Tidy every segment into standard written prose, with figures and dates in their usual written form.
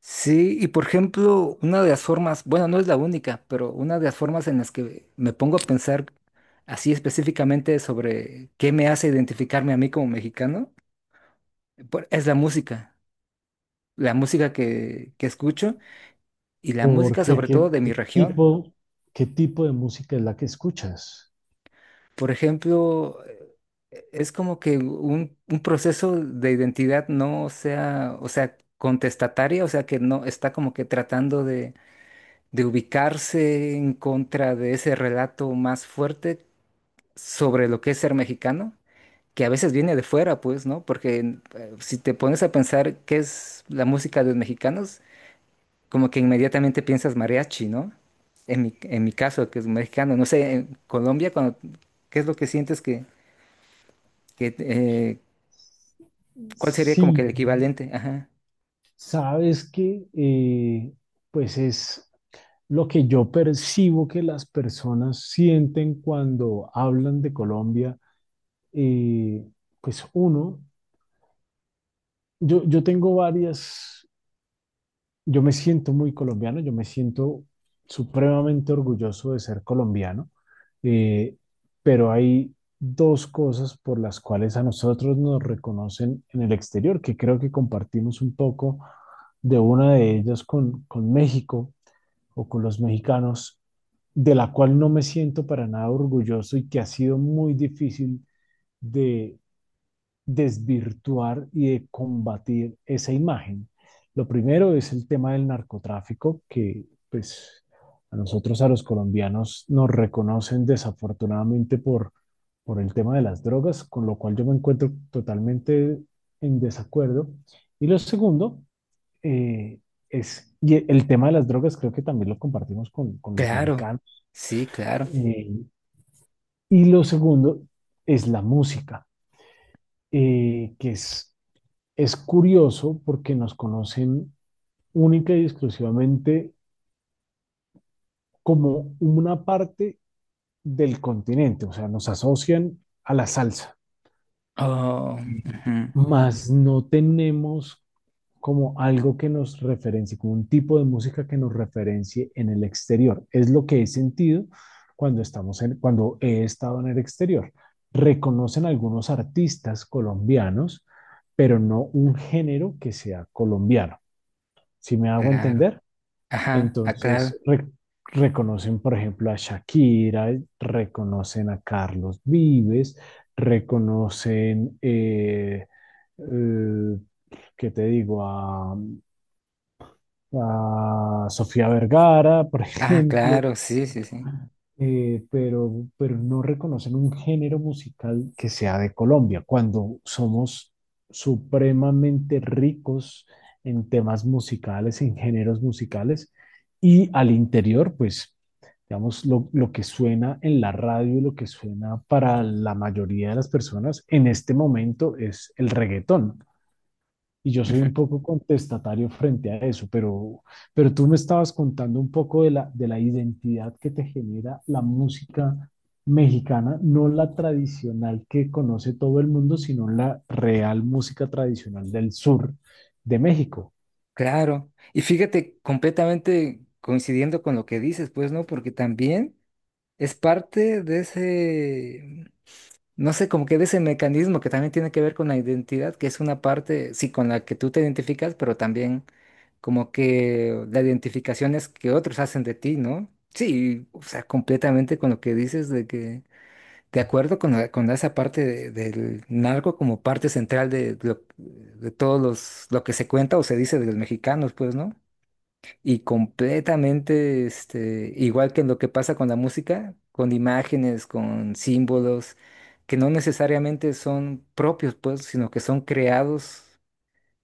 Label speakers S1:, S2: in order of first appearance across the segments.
S1: Sí, y por ejemplo, una de las formas, bueno, no es la única, pero una de las formas en las que me pongo a pensar así específicamente sobre qué me hace identificarme a mí como mexicano, es la música que escucho y la música
S2: Porque
S1: sobre
S2: ¿qué,
S1: todo de mi región.
S2: qué tipo de música es la que escuchas?
S1: Por ejemplo, es como que un proceso de identidad no sea, o sea, contestataria, o sea, que no está como que tratando de ubicarse en contra de ese relato más fuerte sobre lo que es ser mexicano, que a veces viene de fuera, pues, ¿no? Porque si te pones a pensar qué es la música de los mexicanos, como que inmediatamente piensas mariachi, ¿no? En mi caso, que es mexicano, no sé, en Colombia, cuando, ¿qué es lo que sientes que, que cuál sería como que
S2: Sí,
S1: el equivalente? Ajá.
S2: sabes que pues es lo que yo percibo que las personas sienten cuando hablan de Colombia. eh, pues uno, yo tengo varias, yo me siento muy colombiano, yo me siento supremamente orgulloso de ser colombiano. Eh, pero hay dos cosas por las cuales a nosotros nos reconocen en el exterior, que creo que compartimos un poco de una de ellas con México o con los mexicanos, de la cual no me siento para nada orgulloso y que ha sido muy difícil de desvirtuar y de combatir esa imagen. Lo primero es el tema del narcotráfico, que pues a nosotros, a los colombianos, nos reconocen desafortunadamente por el tema de las drogas, con lo cual yo me encuentro totalmente en desacuerdo. Y lo segundo eh, y el tema de las drogas creo que también lo compartimos con los
S1: Claro,
S2: mexicanos.
S1: sí, claro.
S2: Eh, y lo segundo es la música, que es curioso porque nos conocen única y exclusivamente como una parte del continente, o sea, nos asocian a la salsa,
S1: Oh, ujú,
S2: mas no tenemos como algo que nos referencie, como un tipo de música que nos referencie en el exterior. Es lo que he sentido cuando he estado en el exterior. Reconocen algunos artistas colombianos, pero no un género que sea colombiano. ¿Sí me hago
S1: claro.
S2: entender?
S1: Ajá, ah, claro.
S2: Entonces, reconocen, por ejemplo, a Shakira, reconocen a Carlos Vives, reconocen, eh, eh, ¿qué te digo? A Sofía Vergara, por
S1: Ah,
S2: ejemplo.
S1: claro, sí, sí, sí.
S2: Pero no reconocen un género musical que sea de Colombia, cuando somos supremamente ricos en temas musicales, en géneros musicales, y al interior, pues, digamos, lo que suena en la radio, y lo que suena para la mayoría de las personas en este momento es el reggaetón. Y yo soy
S1: Ujú.
S2: un poco contestatario frente a eso, pero tú me estabas contando un poco de la identidad que te genera la música mexicana, no la tradicional que conoce todo el mundo, sino la real música tradicional del sur de México.
S1: Claro, y fíjate, completamente coincidiendo con lo que dices, pues, ¿no? Porque también es parte de ese, no sé, como que de ese mecanismo que también tiene que ver con la identidad, que es una parte, sí, con la que tú te identificas, pero también como que la identificación es que otros hacen de ti, ¿no? Sí, o sea, completamente con lo que dices de que de acuerdo con, con esa parte del narco como parte central de, de todos los, lo que se cuenta o se dice de los mexicanos, pues, ¿no? Y completamente, este, igual que en lo que pasa con la música, con imágenes, con símbolos, que no necesariamente son propios, pues, sino que son creados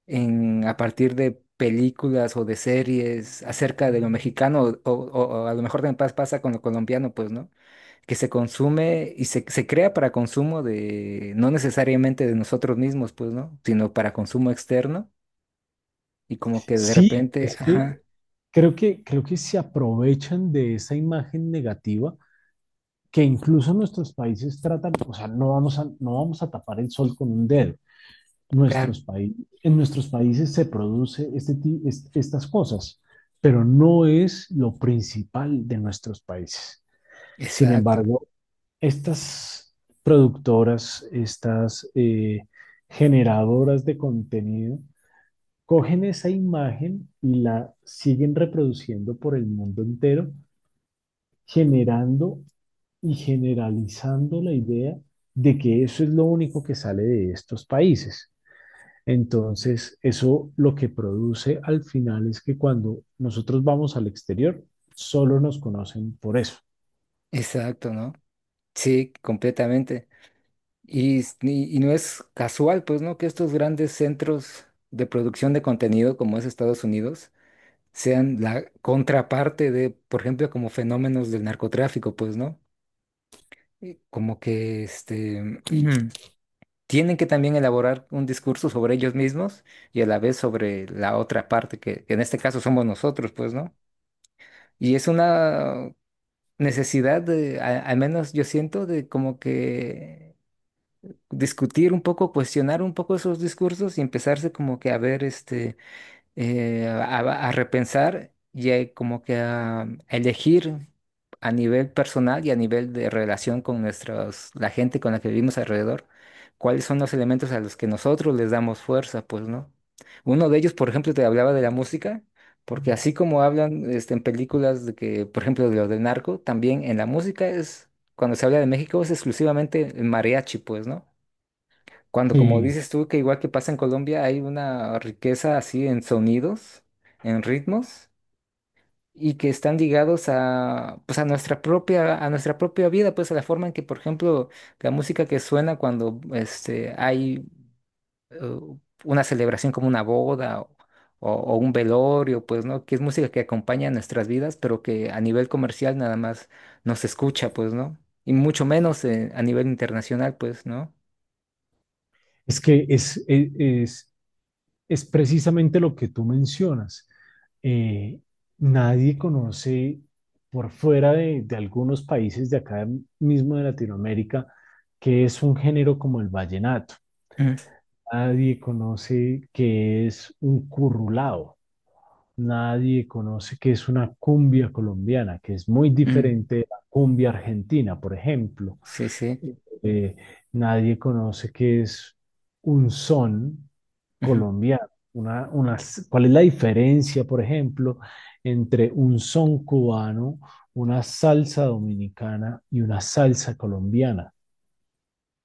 S1: en, a partir de películas o de series acerca de lo mexicano, o, o a lo mejor también pasa con lo colombiano, pues, ¿no? Que se consume y se crea para consumo de, no necesariamente de nosotros mismos, pues, ¿no? Sino para consumo externo y como que de
S2: Sí,
S1: repente,
S2: es que
S1: ajá,
S2: creo que se aprovechan de esa imagen negativa que incluso nuestros países tratan, o sea, no vamos a tapar el sol con un dedo.
S1: claro,
S2: Nuestros paí- en nuestros países se produce estas cosas, pero no es lo principal de nuestros países. Sin
S1: exacto,
S2: embargo, estas productoras, estas generadoras de contenido, cogen esa imagen y la siguen reproduciendo por el mundo entero, generando y generalizando la idea de que eso es lo único que sale de estos países. Entonces, eso lo que produce al final es que cuando nosotros vamos al exterior, solo nos conocen por eso.
S1: exacto, ¿no? Sí, completamente. Y, y no es casual, pues, ¿no? Que estos grandes centros de producción de contenido como es Estados Unidos sean la contraparte de, por ejemplo, como fenómenos del narcotráfico, pues, ¿no? Y como que, este, tienen que también elaborar un discurso sobre ellos mismos y a la vez sobre la otra parte, que en este caso somos nosotros, pues, ¿no? Y es una necesidad de, al menos yo siento, de como que discutir un poco, cuestionar un poco esos discursos y empezarse como que a ver, este eh, a, a repensar y como que a, elegir a nivel personal y a nivel de relación con nuestros, la gente con la que vivimos alrededor, cuáles son los elementos a los que nosotros les damos fuerza, pues, ¿no? Uno de ellos, por ejemplo, te hablaba de la música, porque así como hablan este, en películas de que, por ejemplo, de lo del narco, también en la música es, cuando se habla de México es exclusivamente el mariachi, pues, ¿no? Cuando, como
S2: Sí.
S1: dices tú, que igual que pasa en Colombia, hay una riqueza así en sonidos, en ritmos, y que están ligados a, pues a nuestra propia vida, pues a la forma en que, por ejemplo, la música que suena cuando este, hay eh, una celebración como una boda o, o un velorio, pues, ¿no? Que es música que acompaña nuestras vidas, pero que a nivel comercial nada más nos escucha, pues, ¿no? Y mucho menos a nivel internacional, pues, ¿no?
S2: Es que es precisamente lo que tú mencionas. Eh, nadie conoce por fuera de algunos países de acá mismo de Latinoamérica que es un género como el vallenato.
S1: Mm,
S2: Nadie conoce que es un currulao. Nadie conoce qué es una cumbia colombiana, que es muy
S1: mm,
S2: diferente de la cumbia argentina, por ejemplo.
S1: sí, sí.
S2: Eh, nadie conoce qué es un son
S1: Ujú,
S2: colombiano. Una, una- ¿Cuál es la diferencia, por ejemplo, entre un son cubano, una salsa dominicana y una salsa colombiana?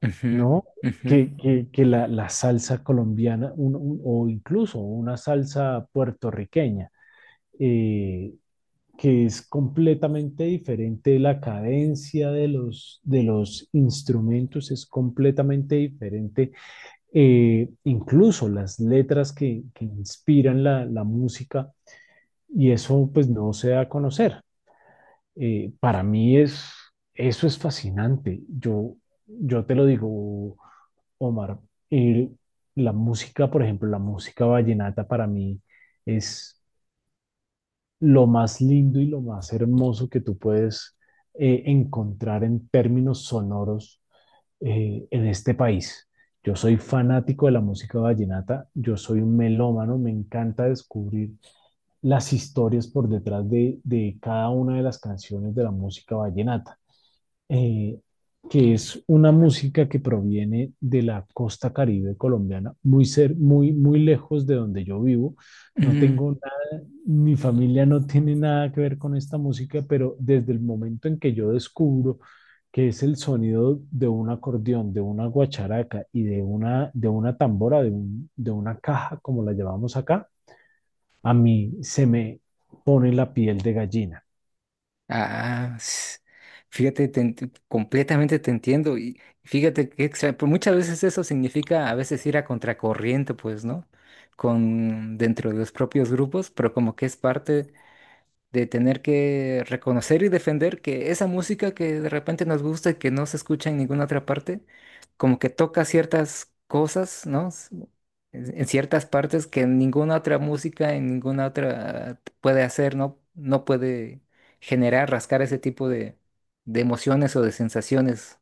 S1: ujú,
S2: ¿No?
S1: ujú,
S2: La salsa colombiana o incluso una salsa puertorriqueña. eh, que es completamente diferente, la cadencia de los instrumentos es completamente diferente, incluso las letras que inspiran música y eso pues no se da a conocer. Para mí es, eso es fascinante, yo te lo digo, Omar, eh, la música, por ejemplo, la música vallenata para mí es lo más lindo y lo más hermoso que tú puedes encontrar en términos sonoros en este país. Yo soy fanático de la música vallenata, yo soy un melómano, me encanta descubrir las historias por detrás de cada una de las canciones de la música vallenata, eh, que es una música que proviene de la costa caribe colombiana, muy lejos de donde yo vivo. No
S1: ujú.
S2: tengo mi familia no tiene nada que ver con esta música, pero desde el momento en que yo descubro que es el sonido de un acordeón, de una guacharaca y de una tambora, de una caja, como la llamamos acá, a mí se me pone la piel de gallina.
S1: Ah, fíjate, completamente te entiendo. Y fíjate que pues muchas veces eso significa a veces ir a contracorriente, pues, ¿no? Con dentro de los propios grupos, pero como que es parte de tener que reconocer y defender que esa música que de repente nos gusta y que no se escucha en ninguna otra parte, como que toca ciertas cosas, ¿no? En ciertas partes que ninguna otra música, en ninguna otra puede hacer, ¿no? No puede generar, rascar ese tipo de emociones o de sensaciones,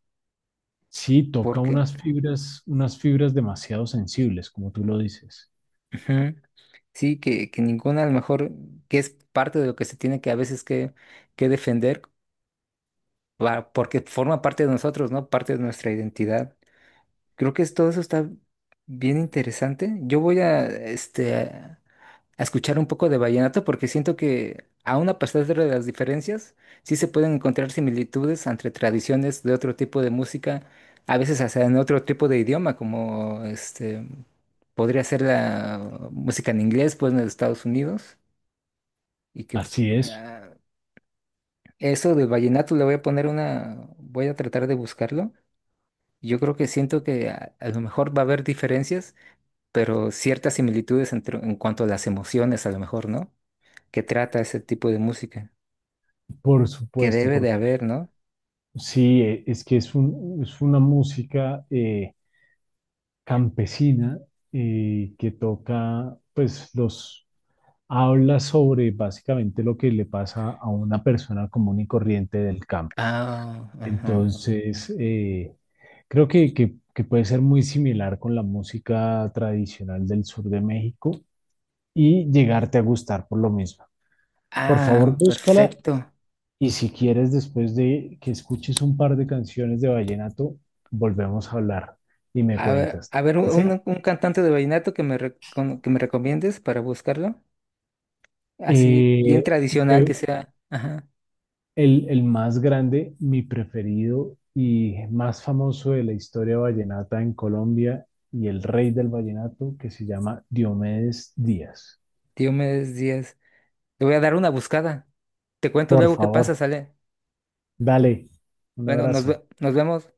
S2: Sí, toca
S1: porque
S2: unas fibras demasiado sensibles, como tú lo dices.
S1: ujú, sí, que ninguna a lo mejor, que es parte de lo que se tiene que a veces que defender porque forma parte de nosotros, ¿no? Parte de nuestra identidad. Creo que todo eso está bien interesante. Yo voy a, este, a escuchar un poco de vallenato porque siento que aún a pesar de las diferencias, sí se pueden encontrar similitudes entre tradiciones de otro tipo de música, a veces hasta en otro tipo de idioma, como este, podría ser la música en inglés, pues en los Estados Unidos, y que
S2: Así es,
S1: ah, eso del vallenato le voy a poner una, voy a tratar de buscarlo. Yo creo que siento que a lo mejor va a haber diferencias, pero ciertas similitudes en cuanto a las emociones, a lo mejor, ¿no? Que trata ese tipo de música.
S2: por
S1: Que
S2: supuesto,
S1: debe de
S2: porque
S1: haber, ¿no?
S2: sí, es que es una música campesina, que toca, pues los habla sobre básicamente lo que le pasa a una persona común y corriente del campo.
S1: Ah, ajá.
S2: Entonces, que puede ser muy similar con la música tradicional del sur de México y llegarte a gustar por lo mismo. Por favor,
S1: Ah,
S2: búscala
S1: perfecto.
S2: y si quieres, después de que escuches un par de canciones de vallenato, volvemos a hablar y me cuentas.
S1: A ver, un,
S2: ¿Sí?
S1: un- cantante de vallenato que me, que me recomiendes para buscarlo. Así, bien
S2: Eh,
S1: tradicional que
S2: te-
S1: sea. Ajá.
S2: El más grande, mi preferido y más famoso de la historia vallenata en Colombia y el rey del vallenato que se llama Diomedes Díaz.
S1: Diomedes Díaz. Le voy a dar una buscada. Te cuento
S2: Por
S1: luego qué pasa,
S2: favor,
S1: sale.
S2: dale, un
S1: Bueno,
S2: abrazo.
S1: nos vemos.